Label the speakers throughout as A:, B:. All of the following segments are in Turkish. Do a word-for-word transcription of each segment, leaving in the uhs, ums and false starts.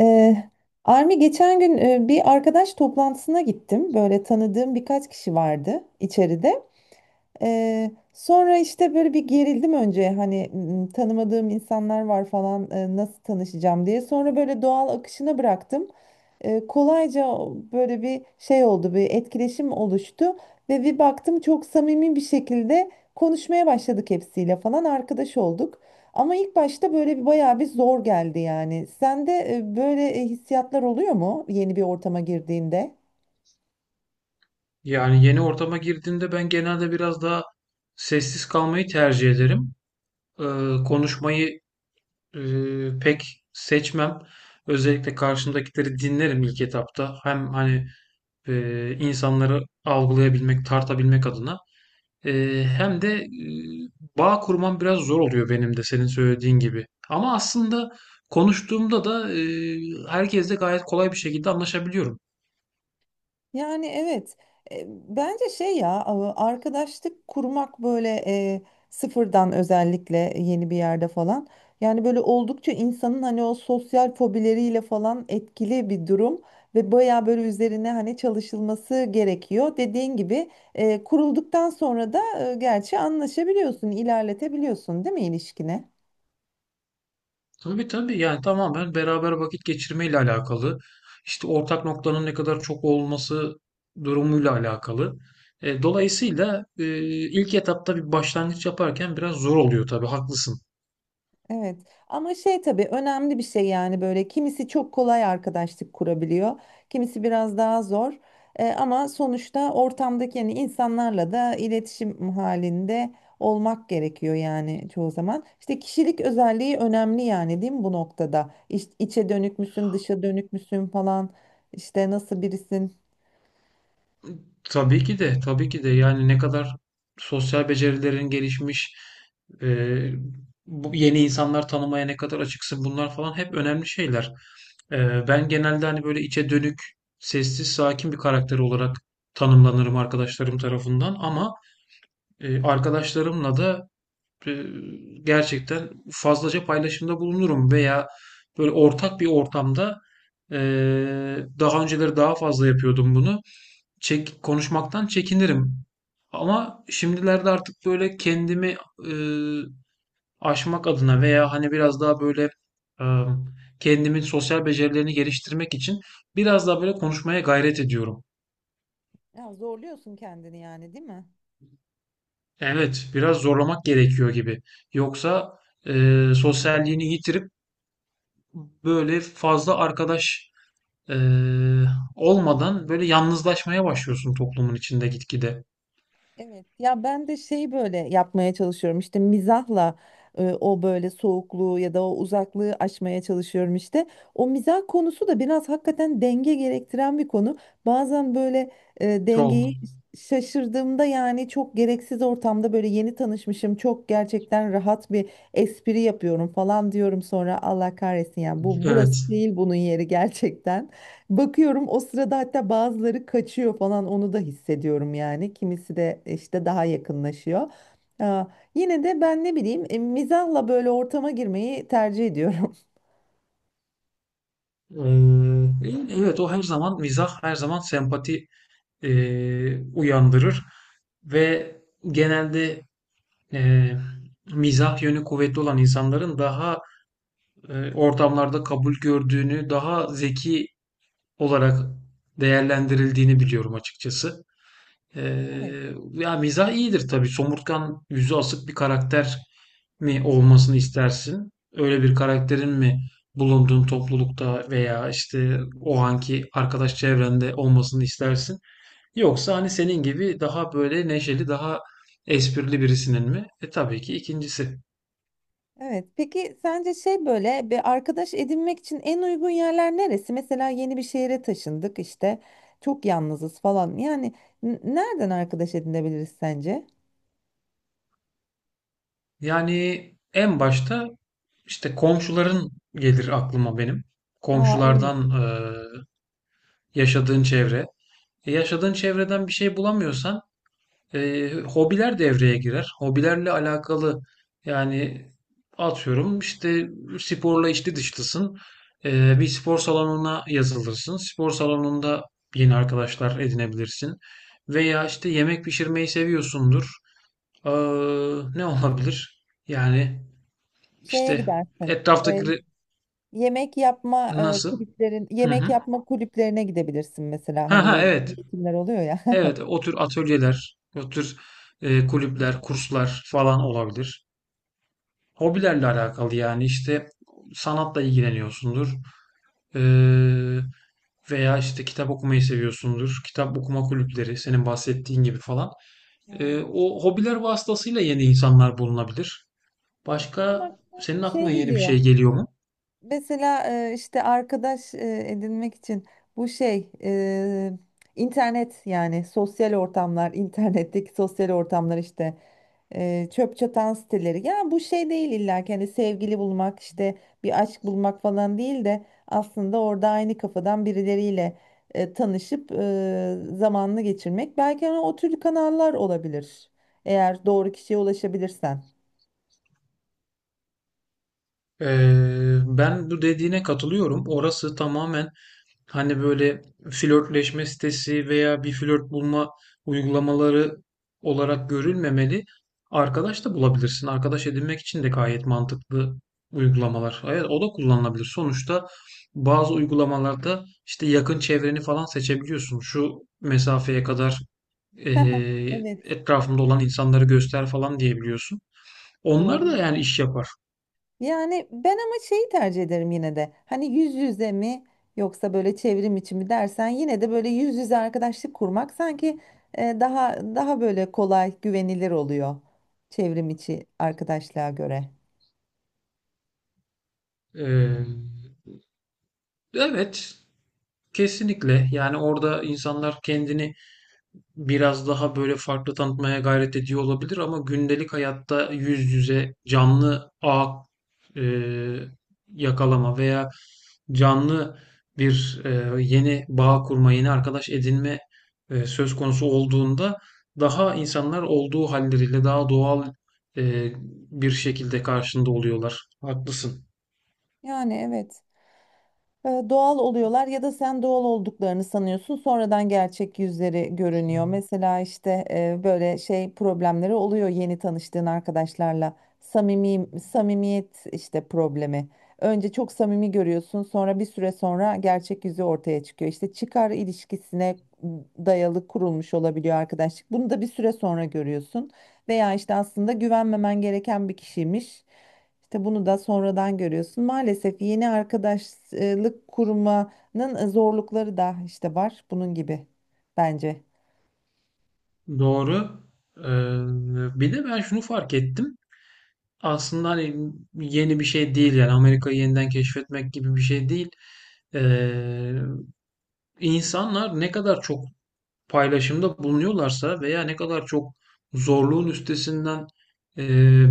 A: Ee, Armi geçen gün e, bir arkadaş toplantısına gittim. Böyle tanıdığım birkaç kişi vardı içeride. Ee, sonra işte böyle bir gerildim önce hani m, tanımadığım insanlar var falan, e, nasıl tanışacağım diye. Sonra böyle doğal akışına bıraktım. E, kolayca böyle bir şey oldu, bir etkileşim oluştu ve bir baktım çok samimi bir şekilde konuşmaya başladık, hepsiyle falan arkadaş olduk. Ama ilk başta böyle bir bayağı bir zor geldi yani. Sende e, böyle e, hissiyatlar oluyor mu yeni bir ortama girdiğinde?
B: Yani yeni ortama girdiğimde ben genelde biraz daha sessiz kalmayı tercih ederim. Ee, Konuşmayı e, pek seçmem. Özellikle karşımdakileri dinlerim ilk etapta. Hem hani e, insanları algılayabilmek, tartabilmek adına. E, Hem de e, bağ kurmam biraz zor oluyor benim de senin söylediğin gibi. Ama aslında konuştuğumda da e, herkesle gayet kolay bir şekilde anlaşabiliyorum.
A: Yani evet. E, bence şey ya a- arkadaşlık kurmak böyle e, sıfırdan özellikle yeni bir yerde falan, yani böyle oldukça insanın hani o sosyal fobileriyle falan etkili bir durum ve baya böyle üzerine hani çalışılması gerekiyor. Dediğin gibi e, kurulduktan sonra da e, gerçi anlaşabiliyorsun, ilerletebiliyorsun değil mi ilişkine?
B: Tabii tabii, yani tamamen beraber vakit geçirmeyle alakalı. İşte ortak noktanın ne kadar çok olması durumuyla alakalı. E, dolayısıyla e, ilk etapta bir başlangıç yaparken biraz zor oluyor tabii, haklısın.
A: Evet, ama şey tabii önemli bir şey yani, böyle kimisi çok kolay arkadaşlık kurabiliyor, kimisi biraz daha zor. E, ama sonuçta ortamdaki yani insanlarla da iletişim halinde olmak gerekiyor yani çoğu zaman. İşte kişilik özelliği önemli yani değil mi bu noktada? İç, içe dönük müsün, dışa dönük müsün falan, işte nasıl birisin?
B: Tabii ki de, tabii ki de. Yani ne kadar sosyal becerilerin gelişmiş, e, bu yeni insanlar tanımaya ne kadar açıksın, bunlar falan hep önemli şeyler. E, ben genelde hani böyle içe dönük, sessiz, sakin bir karakter olarak tanımlanırım arkadaşlarım tarafından, ama e, arkadaşlarımla da e, gerçekten fazlaca paylaşımda bulunurum veya böyle ortak bir ortamda e, daha önceleri daha fazla yapıyordum bunu, çek konuşmaktan çekinirim. Ama şimdilerde artık böyle kendimi e, aşmak adına veya hani biraz daha böyle e, kendimin sosyal becerilerini geliştirmek için biraz daha böyle konuşmaya gayret ediyorum.
A: Ya zorluyorsun kendini yani değil mi?
B: Evet, biraz zorlamak gerekiyor gibi. Yoksa e, sosyalliğini yitirip böyle fazla arkadaş e, olmadan böyle yalnızlaşmaya başlıyorsun toplumun içinde gitgide.
A: Evet, ya ben de şey böyle yapmaya çalışıyorum işte mizahla, e, o böyle soğukluğu ya da o uzaklığı aşmaya çalışıyorum işte. O mizah konusu da biraz hakikaten denge gerektiren bir konu. Bazen böyle e,
B: Çok.
A: dengeyi şaşırdığımda yani çok gereksiz ortamda böyle yeni tanışmışım çok gerçekten rahat bir espri yapıyorum falan diyorum, sonra Allah kahretsin yani bu
B: Evet.
A: burası değil bunun yeri gerçekten. Bakıyorum o sırada, hatta bazıları kaçıyor falan, onu da hissediyorum yani. Kimisi de işte daha yakınlaşıyor. Aa, Yine de ben ne bileyim, e, mizahla böyle ortama girmeyi tercih ediyorum.
B: Eee, evet, o her zaman mizah, her zaman sempati eee, uyandırır ve genelde eee, mizah yönü kuvvetli olan insanların daha eee, ortamlarda kabul gördüğünü, daha zeki olarak değerlendirildiğini biliyorum açıkçası.
A: Evet,
B: Ee, ya mizah iyidir tabii. Somurtkan, yüzü asık bir karakter mi olmasını istersin? Öyle bir karakterin mi bulunduğun toplulukta veya işte o anki arkadaş çevrende olmasını istersin? Yoksa hani senin gibi daha böyle neşeli, daha esprili birisinin mi? E tabii ki ikincisi.
A: evet. Peki sence şey böyle bir arkadaş edinmek için en uygun yerler neresi? Mesela yeni bir şehre taşındık işte, çok yalnızız falan. Yani n- nereden arkadaş edinebiliriz sence?
B: Yani en başta işte komşuların gelir aklıma benim.
A: Aa, evet.
B: Komşulardan, eee, yaşadığın çevre. E, yaşadığın çevreden bir şey bulamıyorsan E, hobiler devreye girer. Hobilerle alakalı yani, atıyorum işte, sporla içli dışlısın. E, bir spor salonuna yazılırsın. Spor salonunda yeni arkadaşlar edinebilirsin. Veya işte yemek pişirmeyi seviyorsundur. Ee, Ne olabilir? Yani
A: Şeye
B: işte
A: gidersin.
B: etraftaki
A: e,
B: re-
A: Yemek yapma e,
B: nasıl?
A: kulüplerin,
B: Hı
A: yemek
B: hı.
A: yapma kulüplerine gidebilirsin mesela,
B: Ha
A: hani
B: ha,
A: böyle
B: evet.
A: eğitimler oluyor ya.
B: Evet, o tür atölyeler, o tür e, kulüpler, kurslar falan olabilir. Hobilerle alakalı yani, işte sanatla ilgileniyorsundur. Ee, Veya işte kitap okumayı seviyorsundur. Kitap okuma kulüpleri, senin bahsettiğin gibi falan. Ee,
A: Ha.
B: o hobiler vasıtasıyla yeni insanlar bulunabilir.
A: Evet, benim
B: Başka
A: aklıma
B: senin
A: şey
B: aklına yeni bir
A: geliyor.
B: şey geliyor mu?
A: Mesela e, işte arkadaş e, edinmek için bu şey, e, internet, yani sosyal ortamlar, internetteki sosyal ortamlar, işte e, çöp çatan siteleri. Ya bu şey değil, illa ki hani sevgili bulmak işte, bir aşk bulmak falan değil de aslında orada aynı kafadan birileriyle e, tanışıp e, zamanını geçirmek, belki hani o tür kanallar olabilir eğer doğru kişiye ulaşabilirsen.
B: Ee, ben bu dediğine katılıyorum. Orası tamamen hani böyle flörtleşme sitesi veya bir flört bulma uygulamaları olarak görülmemeli. Arkadaş da bulabilirsin. Arkadaş edinmek için de gayet mantıklı uygulamalar. Evet, o da kullanılabilir. Sonuçta bazı uygulamalarda işte yakın çevreni falan seçebiliyorsun. Şu mesafeye kadar eee
A: Evet,
B: etrafımda olan insanları göster falan diyebiliyorsun. Onlar
A: doğru.
B: da yani iş yapar.
A: Yani ben ama şeyi tercih ederim yine de. Hani yüz yüze mi, yoksa böyle çevrim içi mi dersen, yine de böyle yüz yüze arkadaşlık kurmak sanki e, daha daha böyle kolay, güvenilir oluyor çevrim içi arkadaşlığa göre.
B: Eee Evet, kesinlikle. Yani orada insanlar kendini biraz daha böyle farklı tanıtmaya gayret ediyor olabilir, ama gündelik hayatta yüz yüze canlı ağ e, yakalama veya canlı bir e, yeni bağ kurma, yeni arkadaş edinme e, söz konusu olduğunda daha insanlar olduğu halleriyle daha doğal e, bir şekilde karşında oluyorlar. Haklısın.
A: Yani evet. E, doğal oluyorlar ya da sen doğal olduklarını sanıyorsun. Sonradan gerçek yüzleri görünüyor. Mesela işte e, böyle şey problemleri oluyor yeni tanıştığın arkadaşlarla. Samimi, samimiyet işte problemi. Önce çok samimi görüyorsun, sonra bir süre sonra gerçek yüzü ortaya çıkıyor. İşte çıkar ilişkisine dayalı kurulmuş olabiliyor arkadaşlık. Bunu da bir süre sonra görüyorsun. Veya işte aslında güvenmemen gereken bir kişiymiş. İşte bunu da sonradan görüyorsun. Maalesef yeni arkadaşlık kurmanın e, zorlukları da işte var bunun gibi, bence.
B: Doğru. Ee, Bir de ben şunu fark ettim. Aslında hani yeni bir şey değil, yani Amerika'yı yeniden keşfetmek gibi bir şey değil. Ee, insanlar ne kadar çok paylaşımda bulunuyorlarsa veya ne kadar çok zorluğun üstesinden e,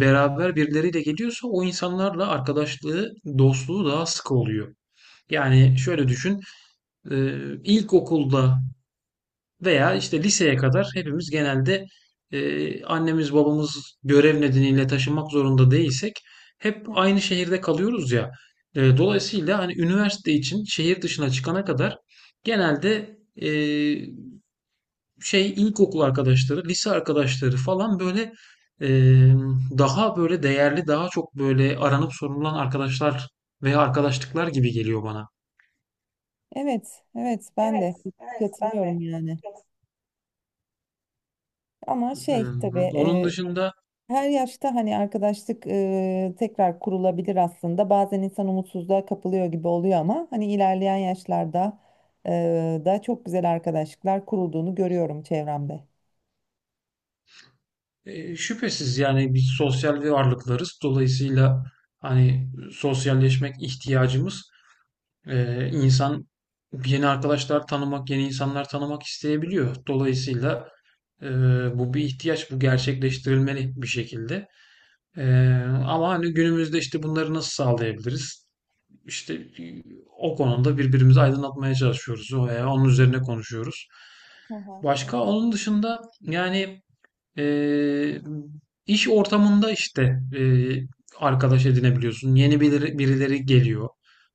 B: beraber birileriyle geliyorsa o insanlarla arkadaşlığı, dostluğu daha sıkı oluyor. Yani şöyle düşün, e, ilkokulda veya işte liseye kadar hepimiz genelde e, annemiz babamız görev nedeniyle taşınmak zorunda değilsek hep
A: Heh.
B: aynı şehirde kalıyoruz ya. E,
A: Evet,
B: dolayısıyla hani üniversite için şehir dışına çıkana kadar genelde e, şey ilkokul arkadaşları, lise arkadaşları falan böyle e, daha böyle değerli, daha çok böyle aranıp sorulan arkadaşlar veya arkadaşlıklar gibi geliyor bana.
A: evet, evet, ben de katılıyorum yani. Ama şey tabii,
B: Hmm. Onun
A: e,
B: dışında
A: her yaşta hani arkadaşlık e, tekrar kurulabilir aslında. Bazen insan umutsuzluğa kapılıyor gibi oluyor ama hani ilerleyen yaşlarda e, da çok güzel arkadaşlıklar kurulduğunu görüyorum çevremde.
B: E, şüphesiz yani biz sosyal varlıklarız. Dolayısıyla hani sosyalleşmek ihtiyacımız, e, insan yeni arkadaşlar tanımak, yeni insanlar tanımak isteyebiliyor. Dolayısıyla e, bu bir ihtiyaç, bu gerçekleştirilmeli bir şekilde. E, Ama hani günümüzde işte bunları nasıl sağlayabiliriz? İşte e, o konuda birbirimizi aydınlatmaya çalışıyoruz veya onun üzerine konuşuyoruz.
A: Hı hı.
B: Başka
A: Evet.
B: onun dışında yani ee, iş ortamında işte e, arkadaş edinebiliyorsun. Yeni biri- birileri geliyor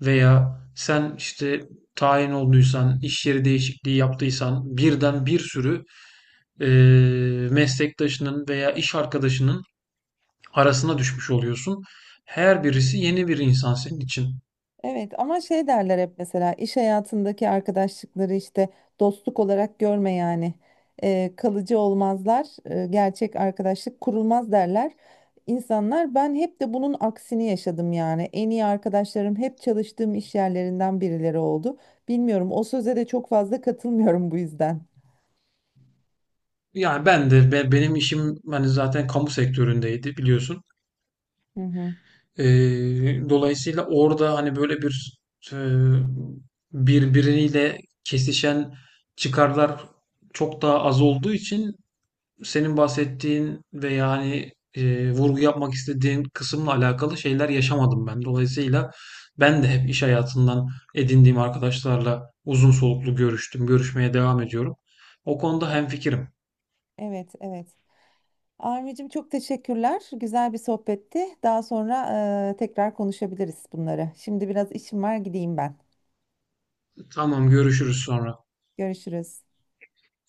B: veya sen işte tayin olduysan, iş yeri değişikliği yaptıysan birden bir sürü e, meslektaşının veya iş arkadaşının arasına düşmüş oluyorsun. Her birisi yeni bir insan senin için.
A: Evet, ama şey derler hep mesela, iş hayatındaki arkadaşlıkları işte dostluk olarak görme yani. Ee, kalıcı olmazlar, e, gerçek arkadaşlık kurulmaz derler insanlar. Ben hep de bunun aksini yaşadım yani, en iyi arkadaşlarım hep çalıştığım iş yerlerinden birileri oldu. Bilmiyorum, o söze de çok fazla katılmıyorum bu yüzden.
B: Yani ben de be- benim işim hani zaten kamu sektöründeydi, biliyorsun.
A: Hı hı.
B: Ee, Dolayısıyla orada hani böyle bir e, birbiriyle kesişen çıkarlar çok daha az olduğu için senin bahsettiğin ve yani e, vurgu yapmak istediğin kısımla alakalı şeyler yaşamadım ben. Dolayısıyla ben de hep iş hayatından edindiğim arkadaşlarla uzun soluklu görüştüm, görüşmeye devam ediyorum. O konuda hemfikirim.
A: Evet, evet. Armicim, çok teşekkürler. Güzel bir sohbetti. Daha sonra e, tekrar konuşabiliriz bunları. Şimdi biraz işim var, gideyim ben.
B: Tamam, görüşürüz sonra.
A: Görüşürüz.